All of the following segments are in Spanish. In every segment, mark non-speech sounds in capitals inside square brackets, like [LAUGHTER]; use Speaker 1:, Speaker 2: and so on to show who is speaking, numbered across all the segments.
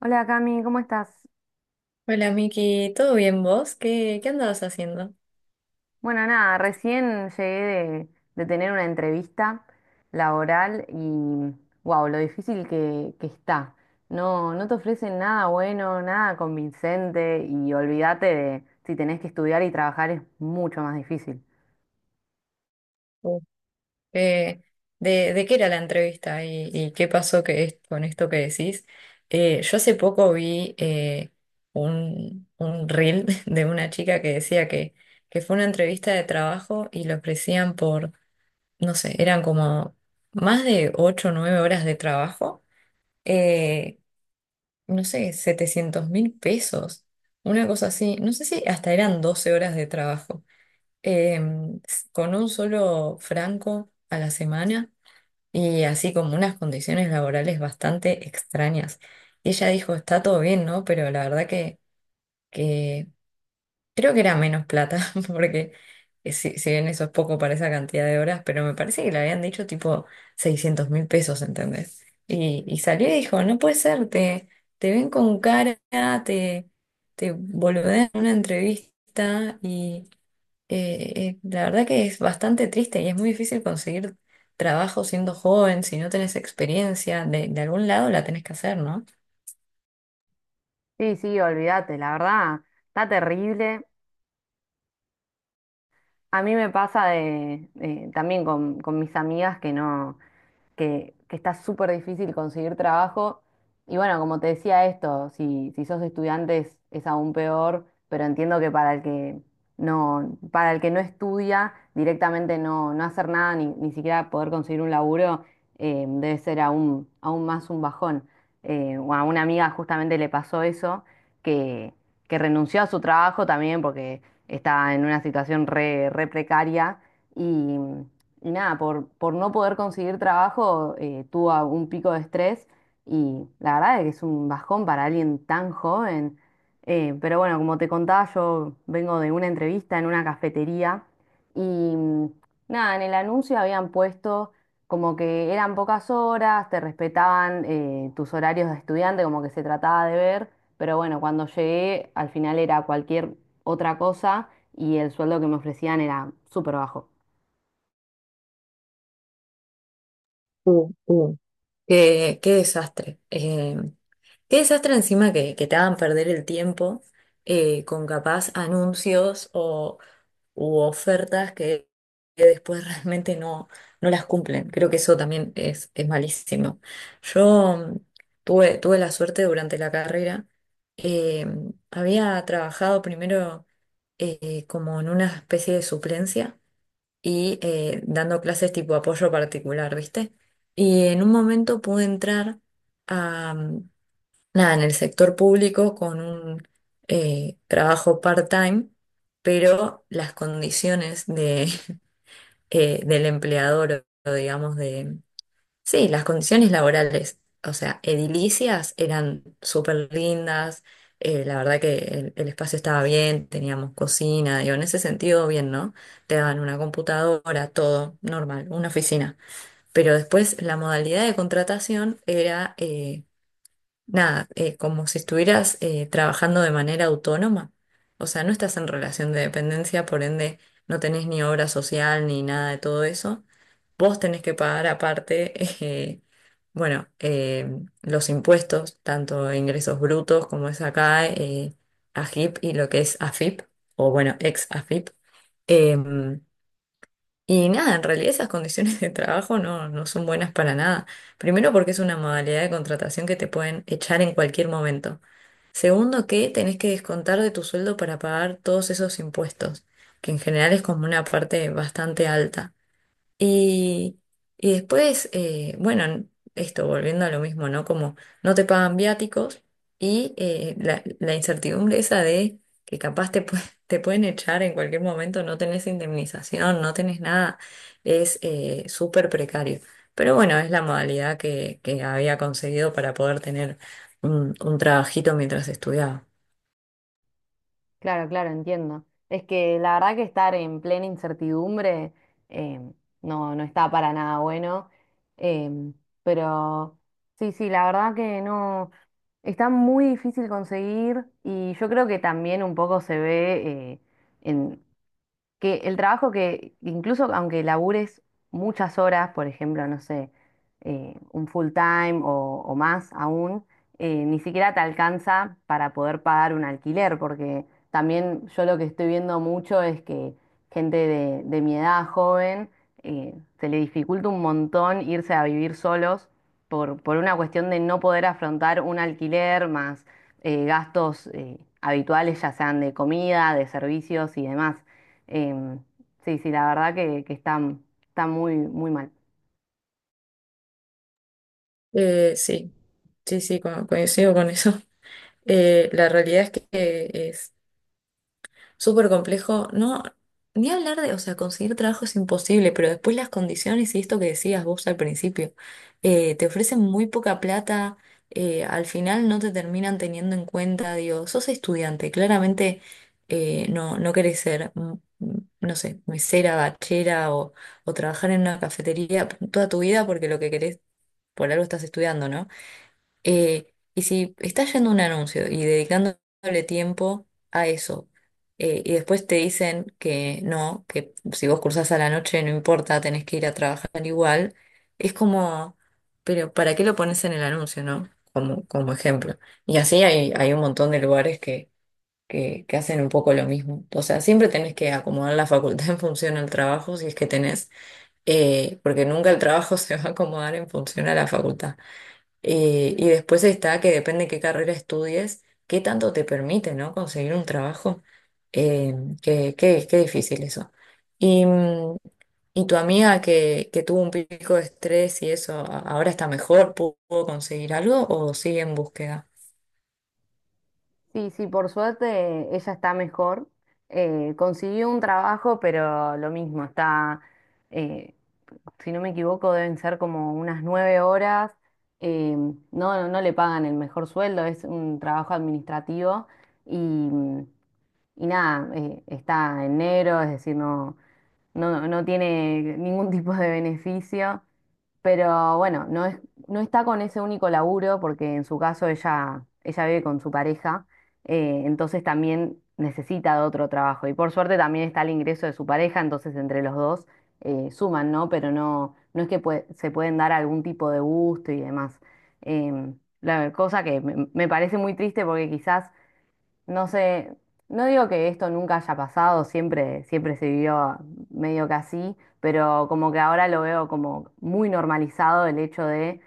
Speaker 1: Hola Cami, ¿cómo estás?
Speaker 2: Hola Miki, ¿todo bien vos? ¿Qué andabas haciendo?
Speaker 1: Bueno, nada, recién llegué de tener una entrevista laboral y wow, lo difícil que está. No, no te ofrecen nada bueno, nada convincente y olvídate de si tenés que estudiar y trabajar es mucho más difícil.
Speaker 2: ¿O qué- de qué era la entrevista y qué pasó con esto que decís? Yo hace poco vi un reel [LAUGHS] de una chica que decía que fue una entrevista de trabajo y le ofrecían por, no sé, eran como más de 8 o 9 horas de trabajo, eh, no sé, 700.000 pesos, una cosa así, no sé si hasta eran 12 horas de trabajo. em, con un solo franco a la semana y así como unas condiciones laborales bastante extrañas. Y ella dijo, está todo bien, ¿no? Pero la verdad que creo que era menos plata, [LAUGHS] porque si bien eso es poco para esa cantidad de horas, pero me parece que le habían dicho tipo 600.000 pesos, ¿entendés? Y salió y dijo, no puede ser, te ven con cara, te, te boludean en una entrevista y la verdad que es bastante triste y es muy difícil conseguir trabajo siendo joven, si no tenés experiencia, de algún lado la tenés que hacer, ¿no?
Speaker 1: Sí, sí, olvídate, la verdad, está terrible. A mí me pasa de, también con, mis amigas que no. Que está súper difícil conseguir trabajo. Y bueno, como te decía esto, si sos estudiante es, aún peor, pero entiendo que para el que no, estudia, directamente no, hacer nada, ni siquiera poder conseguir un laburo, debe ser aún más un bajón. O a una amiga justamente le pasó eso, que, que renunció a su trabajo también porque estaba en una situación re, precaria. Y, y nada, por no poder conseguir trabajo, tuvo un pico de estrés y la verdad es que es un bajón para alguien tan joven. Pero bueno, como te contaba, yo vengo de una entrevista en una cafetería y nada, en el anuncio habían puesto como que eran pocas horas, te respetaban tus horarios de estudiante, como que se trataba de ver, pero bueno, cuando llegué al final era cualquier otra cosa y el sueldo que me ofrecían era súper bajo.
Speaker 2: Uh, uh, qué desastre. Qué desastre encima que te hagan perder el tiempo con capaz anuncios o u ofertas que después [LAUGHS] realmente no, no las cumplen. Creo que eso también es malísimo. Yo tuve la suerte durante la carrera, eh, había trabajado primero como en una especie de suplencia y dando clases tipo apoyo particular, ¿viste? Y en un momento pude entrar a nada, en el sector público con un trabajo part-time, pero las condiciones de, [LAUGHS] del empleador, o digamos, de... Sí, las condiciones laborales, o sea, edilicias eran súper lindas, la verdad que el espacio estaba bien, teníamos cocina, digo, en ese sentido bien, ¿no? Te daban una computadora, todo normal, una oficina. Pero después la modalidad de contratación era... nada, como si estuvieras trabajando de manera autónoma. O sea, no estás en relación de dependencia, por ende no tenés ni obra social ni nada de todo eso. Vos tenés que pagar aparte, [LAUGHS] eh, bueno, eh, los impuestos, tanto ingresos brutos como es acá, AGIP y lo que es AFIP, o bueno, ex AFIP. Em, y nada, en realidad esas condiciones de trabajo no, no son buenas para nada. Primero porque es una modalidad de contratación que te pueden echar en cualquier momento. Segundo que tenés que descontar de tu sueldo para pagar todos esos impuestos, que en general es como una parte bastante alta. Y, y después, bueno, esto volviendo a lo mismo, ¿no? Como no te pagan viáticos y la incertidumbre esa de que [LAUGHS] te pueden echar en cualquier momento, no tenés indemnización, no tenés nada, es súper precario. Pero bueno, es la modalidad que había conseguido para poder tener un trabajito mientras estudiaba.
Speaker 1: Claro, claro, entiendo. Es que la verdad que estar en plena incertidumbre eh, no, no está para nada bueno. em, pero sí, sí, la verdad que no. Está muy difícil conseguir y yo creo que también un poco se ve eh, que el trabajo que, incluso aunque labures muchas horas, por ejemplo, no sé, un full time o, más aún, ni siquiera te alcanza para poder pagar un alquiler, porque también yo lo que estoy viendo mucho es que gente de, mi edad joven, eh, se le dificulta un montón irse a vivir solos por una cuestión de no poder afrontar un alquiler más gastos habituales, ya sean de comida, de servicios y demás. Em, sí, sí, la verdad que, está muy, muy mal.
Speaker 2: Sí, sí, sí, coincido con eso. La realidad es que es súper complejo. No, ni hablar de, o sea, conseguir trabajo es imposible, pero después las condiciones y esto que decías vos al principio, te ofrecen muy poca plata, al final no te terminan teniendo en cuenta, digo, sos estudiante, claramente no, no querés ser, no sé, mesera, bachera o trabajar en una cafetería toda tu vida porque lo que querés, por algo estás estudiando, ¿no? Eh, y si estás yendo a un anuncio y dedicándole tiempo a eso, y después te dicen que no, que si vos cursás a la noche no importa, tenés que ir a trabajar igual, es como, pero ¿para qué lo pones en el anuncio, no? Como, como ejemplo. Y así hay, hay un montón de lugares que hacen un poco lo mismo. O sea, siempre tenés que acomodar la facultad en función al trabajo, si es que tenés, porque nunca el trabajo [LAUGHS] se va a acomodar en función a la facultad. Y después está que depende de qué carrera estudies, qué tanto te permite, ¿no? Conseguir un trabajo. Eh, Qué difícil eso. Y, y tu amiga que tuvo un pico de estrés y eso, ¿ahora está mejor? ¿Pudo conseguir algo o sigue en búsqueda?
Speaker 1: Sí, sí, por suerte ella está mejor. Consiguió un trabajo, pero lo mismo, eh, si no me equivoco, deben ser como unas 9 horas. No, no le pagan el mejor sueldo, es un trabajo administrativo y, y nada, está en negro, es decir, no tiene ningún [LAUGHS] tipo de beneficio, pero bueno, no está con ese único laburo porque en su caso ella, vive con su pareja, entonces también necesita de otro trabajo y por suerte también está el ingreso de su pareja, entonces entre los dos suman, ¿no? Pero no, no es que se pueden dar algún tipo de gusto y demás. La cosa que me parece muy triste porque quizás no sé, no digo que esto nunca haya pasado, siempre, siempre se vivió medio que así, pero como que ahora lo veo como muy normalizado el hecho de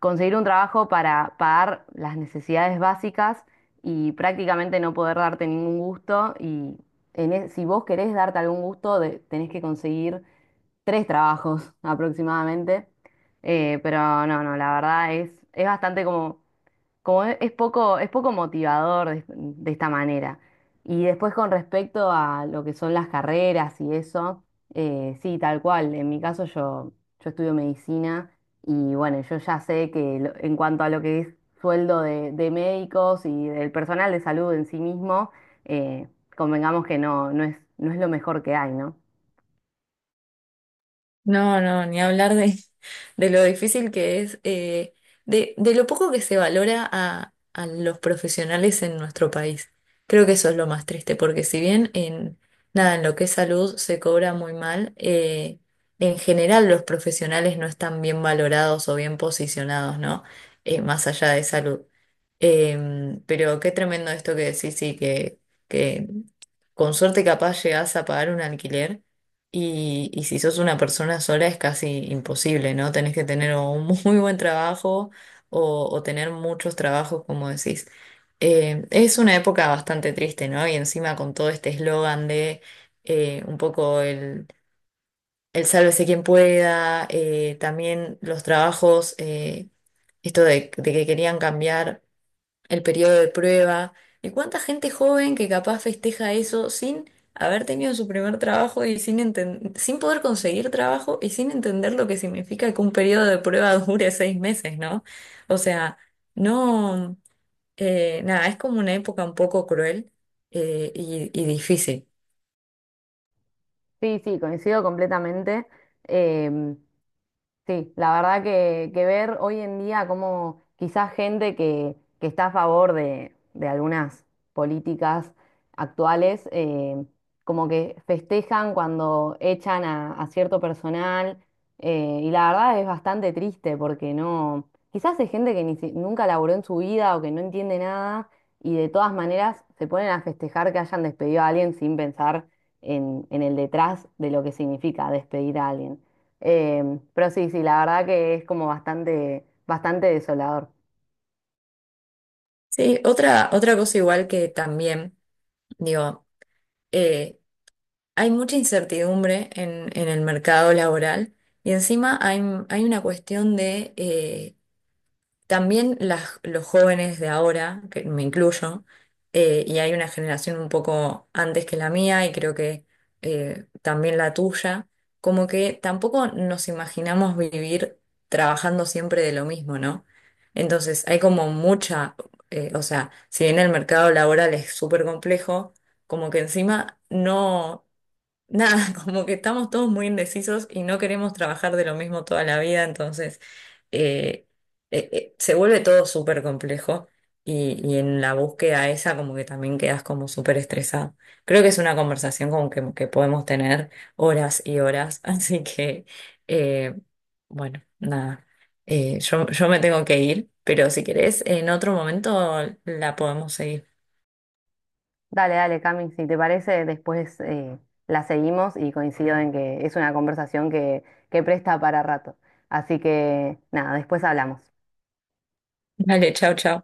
Speaker 1: conseguir un trabajo para pagar las necesidades básicas y prácticamente no poder darte ningún gusto. Y si vos querés darte algún gusto, tenés que conseguir tres trabajos [LAUGHS] aproximadamente. Pero no, no, la verdad es bastante como es poco motivador de, esta manera. Y después con respecto a lo que son las carreras y eso, sí, tal cual. En mi caso yo, estudio medicina y bueno, yo ya sé que en cuanto a lo que es sueldo de médicos y del personal de salud en sí mismo, eh, convengamos que no, no es lo mejor que hay, ¿no?
Speaker 2: No, no, ni hablar de lo difícil que es, de lo poco que se valora a los profesionales en nuestro país. Creo que eso es lo más triste, porque si bien en, nada, en lo que es salud se cobra muy mal, en general los profesionales no están bien valorados o bien posicionados, ¿no? Más allá de salud. Pero qué tremendo esto que decís, sí, que con suerte capaz llegás a pagar un alquiler y si sos una persona sola es casi imposible, ¿no? Tenés que tener o un [LAUGHS] muy buen trabajo o tener muchos trabajos, como decís. Es una época bastante triste, ¿no? Y encima con todo este eslogan de un poco el sálvese quien pueda, también los trabajos, esto de que querían cambiar el periodo de prueba, de cuánta gente joven que capaz festeja eso sin haber tenido su primer trabajo y sin poder conseguir trabajo y sin entender lo que significa que un periodo de prueba [LAUGHS] dure 6 meses, ¿no? O sea, no, nada, es como una época un poco cruel y difícil.
Speaker 1: Sí, sí, coincido completamente. Em, Sí, la verdad que, ver hoy en día como quizás gente que, está a favor de algunas políticas actuales, como que festejan cuando echan a cierto personal, y la verdad es bastante triste porque no, quizás es gente que ni si- nunca laburó en su vida o que no entiende nada y de todas maneras se ponen a festejar que hayan despedido a alguien sin pensar en, el detrás de lo que significa despedir a alguien. Pero sí, sí, la verdad que es como bastante, bastante desolador.
Speaker 2: Sí, otra, otra cosa igual que también, digo, eh, hay mucha incertidumbre en el mercado laboral. Y encima hay, hay una cuestión de también las, los jóvenes de ahora, que me incluyo, y hay una generación un poco antes que la mía y creo que también la tuya, como que tampoco nos imaginamos vivir trabajando siempre de lo mismo, ¿no? Entonces hay como mucha, o sea, si bien el mercado laboral es súper complejo, como que encima no nada, [LAUGHS] como que estamos todos muy indecisos y no queremos trabajar de lo mismo toda la vida, entonces eh, se vuelve todo súper complejo y en la búsqueda esa como que también quedas como súper estresado. Creo que es una conversación como que podemos tener horas y horas, [LAUGHS] así que eh, bueno, nada, yo, yo me tengo que ir, pero si querés en otro momento la podemos seguir.
Speaker 1: Dale, dale, Cami, si te parece, después la seguimos y coincido en que es una conversación que, presta para rato. Así que nada, después hablamos.
Speaker 2: Vale, chao, chao.